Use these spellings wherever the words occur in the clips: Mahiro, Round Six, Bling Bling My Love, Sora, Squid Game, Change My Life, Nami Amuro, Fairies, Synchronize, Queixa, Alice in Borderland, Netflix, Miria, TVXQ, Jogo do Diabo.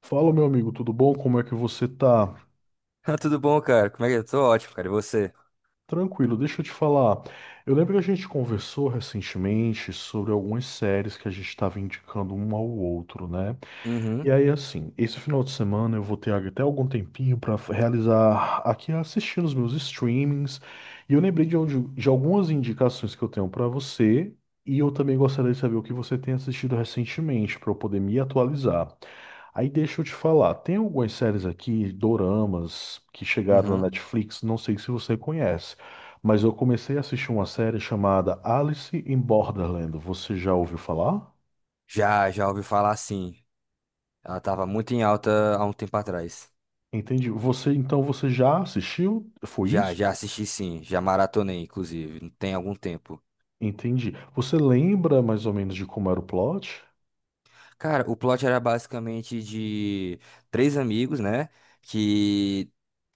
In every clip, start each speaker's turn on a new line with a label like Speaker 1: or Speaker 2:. Speaker 1: Fala, meu amigo, tudo bom? Como é que você tá?
Speaker 2: Ah, tudo bom, cara? Como é que eu tô? Ótimo, cara. E você?
Speaker 1: Tranquilo, deixa eu te falar. Eu lembro que a gente conversou recentemente sobre algumas séries que a gente estava indicando um ao outro, né? E
Speaker 2: Uhum,
Speaker 1: aí, assim, esse final de semana eu vou ter até algum tempinho para realizar aqui assistindo os meus streamings. E eu lembrei de, de algumas indicações que eu tenho para você. E eu também gostaria de saber o que você tem assistido recentemente, para eu poder me atualizar. Aí deixa eu te falar, tem algumas séries aqui, doramas, que chegaram na
Speaker 2: uhum.
Speaker 1: Netflix, não sei se você conhece, mas eu comecei a assistir uma série chamada Alice in Borderland. Você já ouviu falar?
Speaker 2: Já ouvi falar sim. Ela tava muito em alta há um tempo atrás.
Speaker 1: Entendi. Você, então, você já assistiu? Foi
Speaker 2: Já,
Speaker 1: isso?
Speaker 2: já assisti sim. Já maratonei, inclusive. Tem algum tempo.
Speaker 1: Entendi. Você lembra mais ou menos de como era o plot?
Speaker 2: Cara, o plot era basicamente de três amigos, né? Que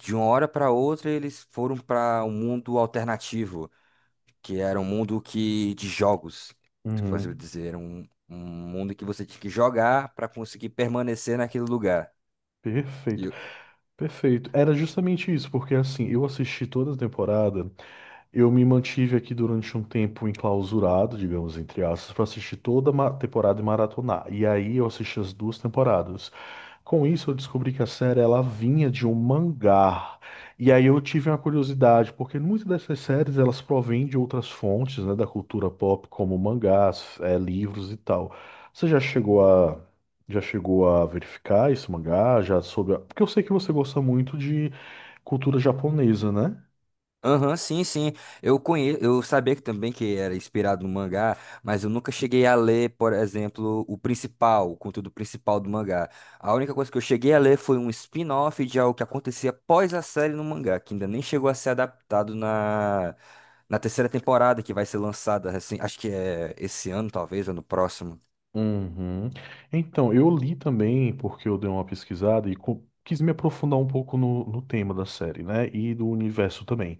Speaker 2: de uma hora pra outra eles foram pra um mundo alternativo, que era um mundo que de jogos. Como eu
Speaker 1: Uhum.
Speaker 2: dizer, era um mundo que você tinha que jogar pra conseguir permanecer naquele lugar.
Speaker 1: Perfeito, perfeito. Era justamente isso, porque assim, eu assisti toda a temporada. Eu me mantive aqui durante um tempo enclausurado, digamos, entre aspas, para assistir toda a temporada e maratonar. E aí eu assisti as duas temporadas. Com isso, eu descobri que a série ela vinha de um mangá. E aí eu tive uma curiosidade, porque muitas dessas séries elas provêm de outras fontes, né, da cultura pop, como mangás, livros e tal. Você já chegou a verificar esse mangá? Já soube? Porque eu sei que você gosta muito de cultura japonesa, né?
Speaker 2: Aham, sim, sim. Eu conheço, eu sabia que também que era inspirado no mangá, mas eu nunca cheguei a ler, por exemplo, o principal, o conteúdo principal do mangá. A única coisa que eu cheguei a ler foi um spin-off de algo que acontecia após a série no mangá, que ainda nem chegou a ser adaptado na terceira temporada, que vai ser lançada, assim, acho que é esse ano, talvez, ou no próximo.
Speaker 1: Uhum. Então, eu li também, porque eu dei uma pesquisada e quis me aprofundar um pouco no tema da série, né? E do universo também.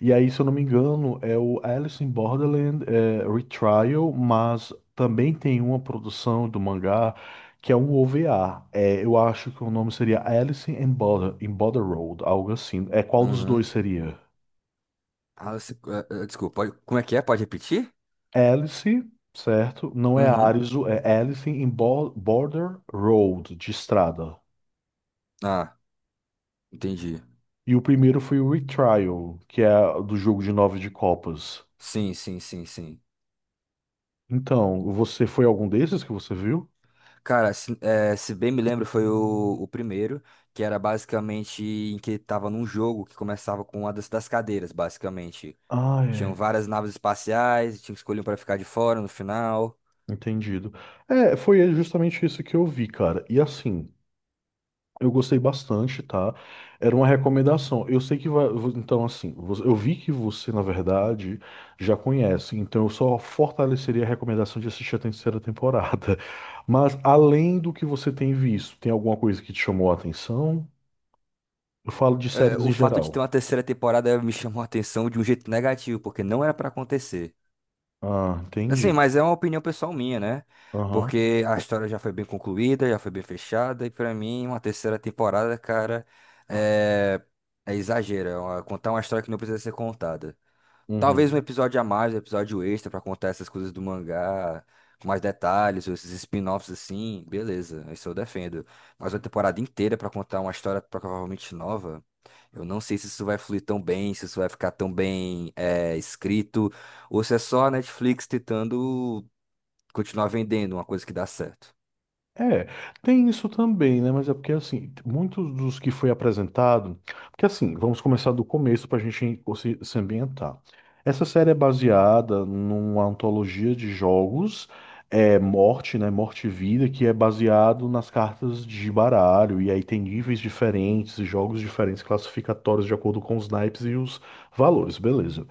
Speaker 1: E aí, se eu não me engano, é o Alice in Borderland é, Retrial, mas também tem uma produção do mangá que é um OVA. É, eu acho que o nome seria Alice in Border Road, algo assim. É, qual dos
Speaker 2: Uhum.
Speaker 1: dois seria?
Speaker 2: Ah, desculpa, como é que é? Pode repetir?
Speaker 1: Alice, certo? Não é
Speaker 2: Uhum.
Speaker 1: Arizo, é Alice in Border Road, de estrada.
Speaker 2: Ah, entendi.
Speaker 1: E o primeiro foi o Retrial, que é do jogo de nove de copas.
Speaker 2: Sim, sim, sim, sim.
Speaker 1: Então, você foi algum desses que você viu?
Speaker 2: Cara, se bem me lembro, foi o primeiro, que era basicamente em que tava num jogo que começava com uma das cadeiras, basicamente.
Speaker 1: Ah,
Speaker 2: Tinham
Speaker 1: é.
Speaker 2: várias naves espaciais, tinha que escolher um pra ficar de fora no final.
Speaker 1: Entendido. É, foi justamente isso que eu vi, cara. E assim, eu gostei bastante, tá? Era uma recomendação. Eu sei que vai. Então, assim, eu vi que você, na verdade, já conhece. Então, eu só fortaleceria a recomendação de assistir a terceira temporada. Mas, além do que você tem visto, tem alguma coisa que te chamou a atenção? Eu falo de
Speaker 2: Eh,
Speaker 1: séries
Speaker 2: o
Speaker 1: em
Speaker 2: fato de ter
Speaker 1: geral.
Speaker 2: uma terceira temporada me chamou a atenção de um jeito negativo, porque não era pra acontecer.
Speaker 1: Ah,
Speaker 2: Assim,
Speaker 1: entendi.
Speaker 2: mas é uma opinião pessoal minha, né?
Speaker 1: Aham.
Speaker 2: Porque a história já foi bem concluída, já foi bem fechada, e pra mim, uma terceira temporada, cara, é, é exagero. É uma- contar uma história que não precisa ser contada. Talvez um
Speaker 1: Uhum.
Speaker 2: episódio a mais, um episódio extra pra contar essas coisas do mangá, com mais detalhes, ou esses spin-offs assim, beleza, isso eu defendo. Mas uma temporada inteira pra contar uma história provavelmente nova, eu não sei se isso vai fluir tão bem, se isso vai ficar tão bem escrito, ou se é só a Netflix tentando continuar vendendo uma coisa que dá certo.
Speaker 1: É, tem isso também, né? Mas é porque, assim, muitos dos que foi apresentado. Porque, assim, vamos começar do começo para a gente se ambientar. Essa série é baseada numa antologia de jogos, é Morte, né? Morte e Vida, que é baseado nas cartas de baralho. E aí tem níveis diferentes, jogos diferentes, classificatórios de acordo com os naipes e os valores, beleza.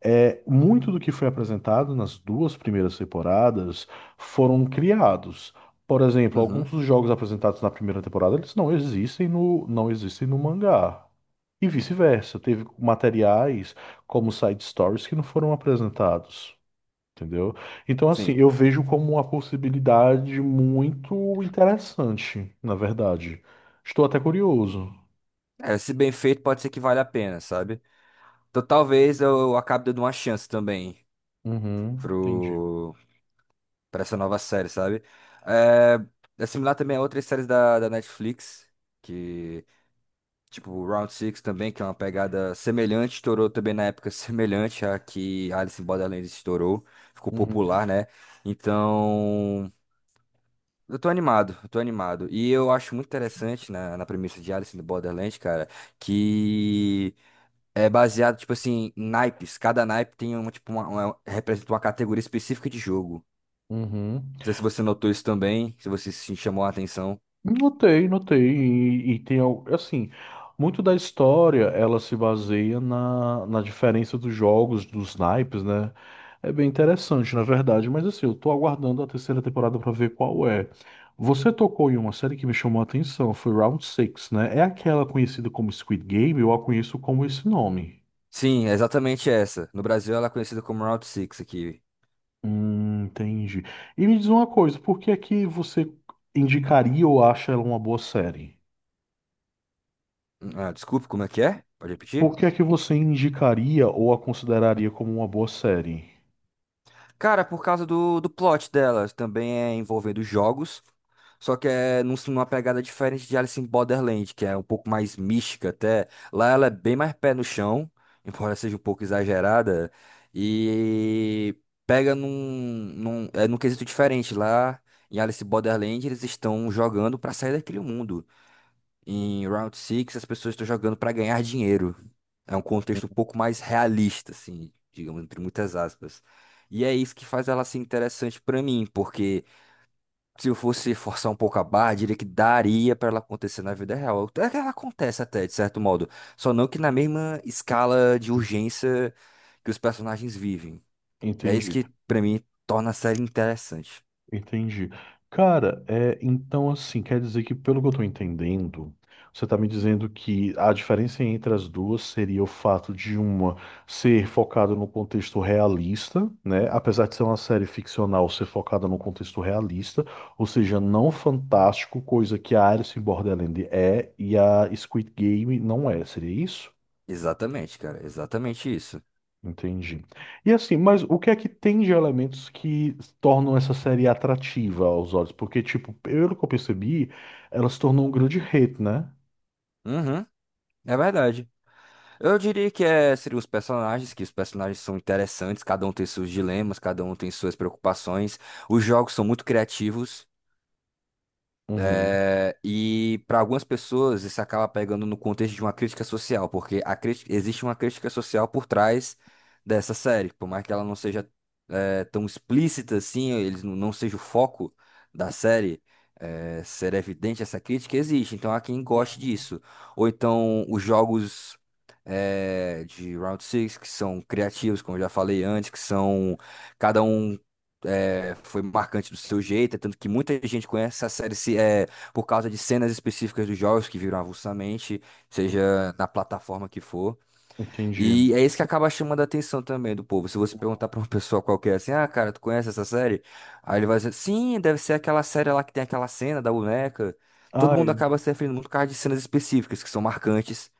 Speaker 1: É, muito do que foi apresentado nas duas primeiras temporadas foram criados. Por exemplo,
Speaker 2: Uhum,
Speaker 1: alguns dos jogos apresentados na primeira temporada, eles não existem não existem no mangá. E vice-versa, teve materiais como side stories que não foram apresentados, entendeu? Então, assim,
Speaker 2: sim.
Speaker 1: eu vejo como uma possibilidade muito interessante, na verdade. Estou até curioso.
Speaker 2: É, se bem feito, pode ser que valha a pena, sabe? Então talvez eu acabe dando uma chance também
Speaker 1: Uhum, entendi.
Speaker 2: pro pra essa nova série, sabe? É, É similar também a outras séries da Netflix, que, tipo, Round Six também, que é uma pegada semelhante, estourou também na época semelhante à que Alice in Borderlands estourou, ficou
Speaker 1: Uhum,
Speaker 2: popular, né? Então, eu tô animado. E eu acho muito interessante na premissa de Alice in Borderlands, cara, que é baseado, tipo assim, em naipes. Cada naipe tem uma, tipo, representa uma categoria específica de jogo.
Speaker 1: uhum.
Speaker 2: Não sei se você notou isso também, se você se chamou a atenção.
Speaker 1: Notei, notei. E tem, assim, muito da história ela se baseia na diferença dos jogos, dos naipes, né? É bem interessante, na verdade. Mas, assim, eu tô aguardando a terceira temporada pra ver qual é. Você tocou em uma série que me chamou a atenção, foi Round Six, né? É aquela conhecida como Squid Game, eu a conheço como esse nome.
Speaker 2: Sim, é exatamente essa. No Brasil ela é conhecida como Route 6 aqui.
Speaker 1: Entendi. E me diz uma coisa, por que é que você indicaria ou acha ela uma boa série?
Speaker 2: Ah, desculpe, como é que é? Pode repetir?
Speaker 1: Por que é que você indicaria ou a consideraria como uma boa série?
Speaker 2: Cara, por causa do plot delas, também é envolvendo jogos, só que é numa pegada diferente de Alice in Borderland, que é um pouco mais mística até. Lá ela é bem mais pé no chão, embora seja um pouco exagerada, e pega num quesito diferente. Lá em Alice in Borderland, eles estão jogando pra sair daquele mundo. Em Round Six as pessoas estão jogando para ganhar dinheiro. É um contexto um pouco mais realista, assim, digamos, entre muitas aspas. E é isso que faz ela ser interessante para mim, porque se eu fosse forçar um pouco a barra, diria que daria para ela acontecer na vida real. Até que ela acontece até, de certo modo. Só não que na mesma escala de urgência que os personagens vivem. É isso
Speaker 1: Entendi,
Speaker 2: que, para mim, torna a série interessante.
Speaker 1: entendi. Cara, é, então assim, quer dizer que pelo que eu tô entendendo, você tá me dizendo que a diferença entre as duas seria o fato de uma ser focada no contexto realista, né? Apesar de ser uma série ficcional, ser focada no contexto realista, ou seja, não fantástico, coisa que a Alice in Borderland é e a Squid Game não é, seria isso?
Speaker 2: Exatamente, cara. Exatamente isso.
Speaker 1: Entendi. E assim, mas o que é que tem de elementos que tornam essa série atrativa aos olhos? Porque, tipo, pelo que eu percebi, ela se tornou um grande hit, né?
Speaker 2: Uhum, é verdade. Eu diria que seriam os personagens, que os personagens são interessantes, cada um tem seus dilemas, cada um tem suas preocupações. Os jogos são muito criativos,
Speaker 1: Uhum.
Speaker 2: e para algumas pessoas isso acaba pegando no contexto de uma crítica social, porque a existe uma crítica social por trás dessa série, por mais que ela não seja tão explícita assim, eles não, não seja o foco da série, ser evidente essa crítica, existe. Então há quem goste disso. Ou então os jogos de Round Six que são criativos, como eu já falei antes, que são. Cada um foi marcante do seu jeito, é tanto que muita gente conhece a série se, é, por causa de cenas específicas dos jogos que viram avulsamente, seja na plataforma que for.
Speaker 1: Entendi.
Speaker 2: E é isso que acaba chamando a atenção também do povo. Se você perguntar pra uma pessoa qualquer assim, ah, cara, tu conhece essa série? Aí ele vai dizer, sim, deve ser aquela série lá que tem aquela cena da boneca. Todo
Speaker 1: Ah,
Speaker 2: mundo
Speaker 1: é.
Speaker 2: acaba se referindo muito por causa de cenas específicas, que são marcantes,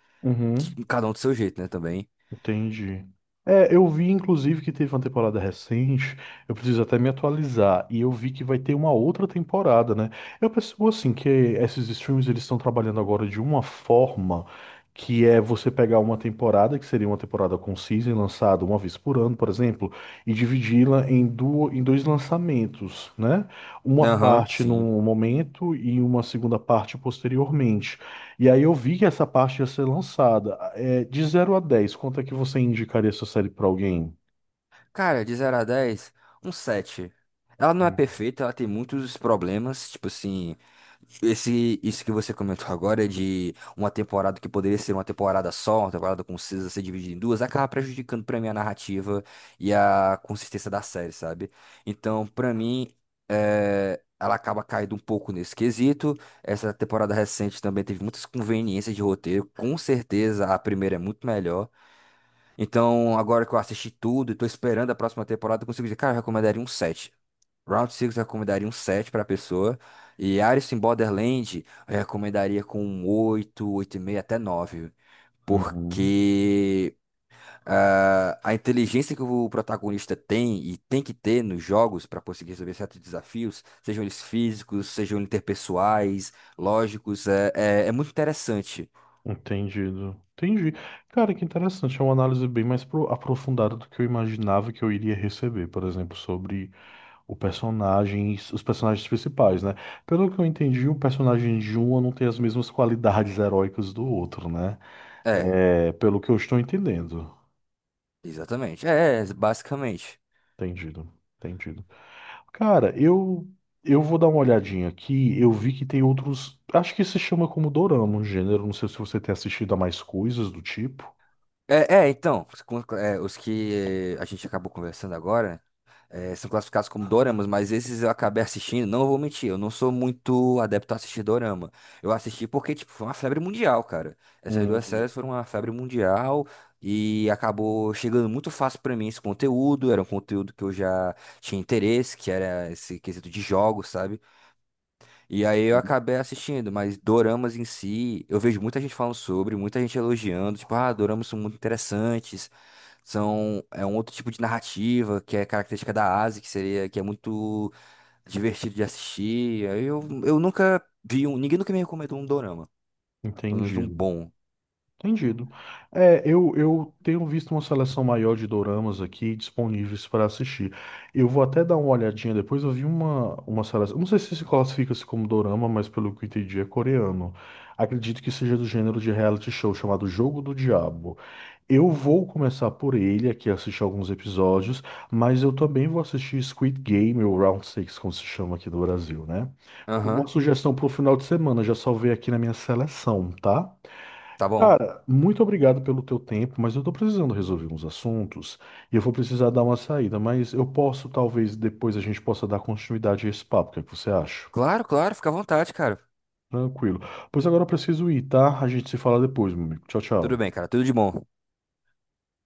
Speaker 2: e
Speaker 1: Uhum.
Speaker 2: cada um do seu jeito, né, também.
Speaker 1: Entendi. É, eu vi inclusive que teve uma temporada recente, eu preciso até me atualizar, e eu vi que vai ter uma outra temporada, né? Eu percebo assim que esses streams eles estão trabalhando agora de uma forma que é você pegar uma temporada, que seria uma temporada com season lançada uma vez por ano, por exemplo, e dividi-la em, em dois lançamentos, né? Uma
Speaker 2: Aham,
Speaker 1: parte
Speaker 2: sim.
Speaker 1: num momento e uma segunda parte posteriormente. E aí eu vi que essa parte ia ser lançada. É, de 0 a 10, quanto é que você indicaria essa série pra alguém?
Speaker 2: Cara, de zero a 10 um 7. Ela não é perfeita, ela tem muitos problemas, tipo assim, isso que você comentou agora de uma temporada que poderia ser uma temporada só, uma temporada concisa ser dividida em duas, acaba prejudicando pra mim a narrativa e a consistência da série, sabe? Então, pra mim, ela acaba caindo um pouco nesse quesito. Essa temporada recente também teve muitas conveniências de roteiro, com certeza a primeira é muito melhor. Então, agora que eu assisti tudo e tô esperando a próxima temporada, eu consigo dizer, cara, eu recomendaria um 7. Round 6 eu recomendaria um 7 pra pessoa. E Alice in Borderland eu recomendaria com um oito, e meio até 9.
Speaker 1: Uhum.
Speaker 2: Porque ah, a inteligência que o protagonista tem e tem que ter nos jogos para conseguir resolver certos desafios, sejam eles físicos, sejam interpessoais, lógicos, é muito interessante.
Speaker 1: Entendido. Entendi. Cara, que interessante. É uma análise bem mais aprofundada do que eu imaginava que eu iria receber, por exemplo, sobre o personagem, os personagens principais, né? Pelo que eu entendi, o personagem de um não tem as mesmas qualidades heróicas do outro, né?
Speaker 2: É,
Speaker 1: É, pelo que eu estou entendendo.
Speaker 2: exatamente. Basicamente.
Speaker 1: Entendido. Entendido. Cara, eu vou dar uma olhadinha aqui. Eu vi que tem outros. Acho que se chama como dorama, um gênero. Não sei se você tem assistido a mais coisas do tipo.
Speaker 2: Então, os os que a gente acabou conversando agora são classificados como doramas, mas esses eu acabei assistindo, não vou mentir, eu não sou muito adepto a assistir dorama. Eu assisti porque, tipo, foi uma febre mundial, cara. Essas duas
Speaker 1: Hum,
Speaker 2: séries foram uma febre mundial e acabou chegando muito fácil pra mim esse conteúdo, era um conteúdo que eu já tinha interesse, que era esse quesito de jogos, sabe? E aí eu acabei assistindo, mas doramas em si, eu vejo muita gente falando sobre, muita gente elogiando, tipo, ah, doramas são muito interessantes são, é um outro tipo de narrativa que é característica da Ásia, que seria, que é muito divertido de assistir. Eu nunca vi um, ninguém nunca me recomendou um dorama, pelo menos um
Speaker 1: entendido.
Speaker 2: bom.
Speaker 1: Entendido. É, eu tenho visto uma seleção maior de doramas aqui disponíveis para assistir. Eu vou até dar uma olhadinha depois. Eu vi uma seleção. Não sei se se classifica-se como dorama, mas pelo que eu entendi é coreano. Acredito que seja do gênero de reality show chamado Jogo do Diabo. Eu vou começar por ele aqui, assistir alguns episódios, mas eu também vou assistir Squid Game, ou Round Six, como se chama aqui do Brasil, né? Como
Speaker 2: Aham,
Speaker 1: uma sugestão pro final de semana, já salvei aqui na minha seleção, tá?
Speaker 2: tá bom.
Speaker 1: Cara, muito obrigado pelo teu tempo, mas eu tô precisando resolver uns assuntos e eu vou precisar dar uma saída, mas eu posso, talvez, depois a gente possa dar continuidade a esse papo, o que é que você acha?
Speaker 2: Claro, claro, fica à vontade, cara.
Speaker 1: Tranquilo. Pois agora eu preciso ir, tá? A gente se fala depois, meu amigo. Tchau,
Speaker 2: Tudo
Speaker 1: tchau.
Speaker 2: bem, cara, tudo de bom.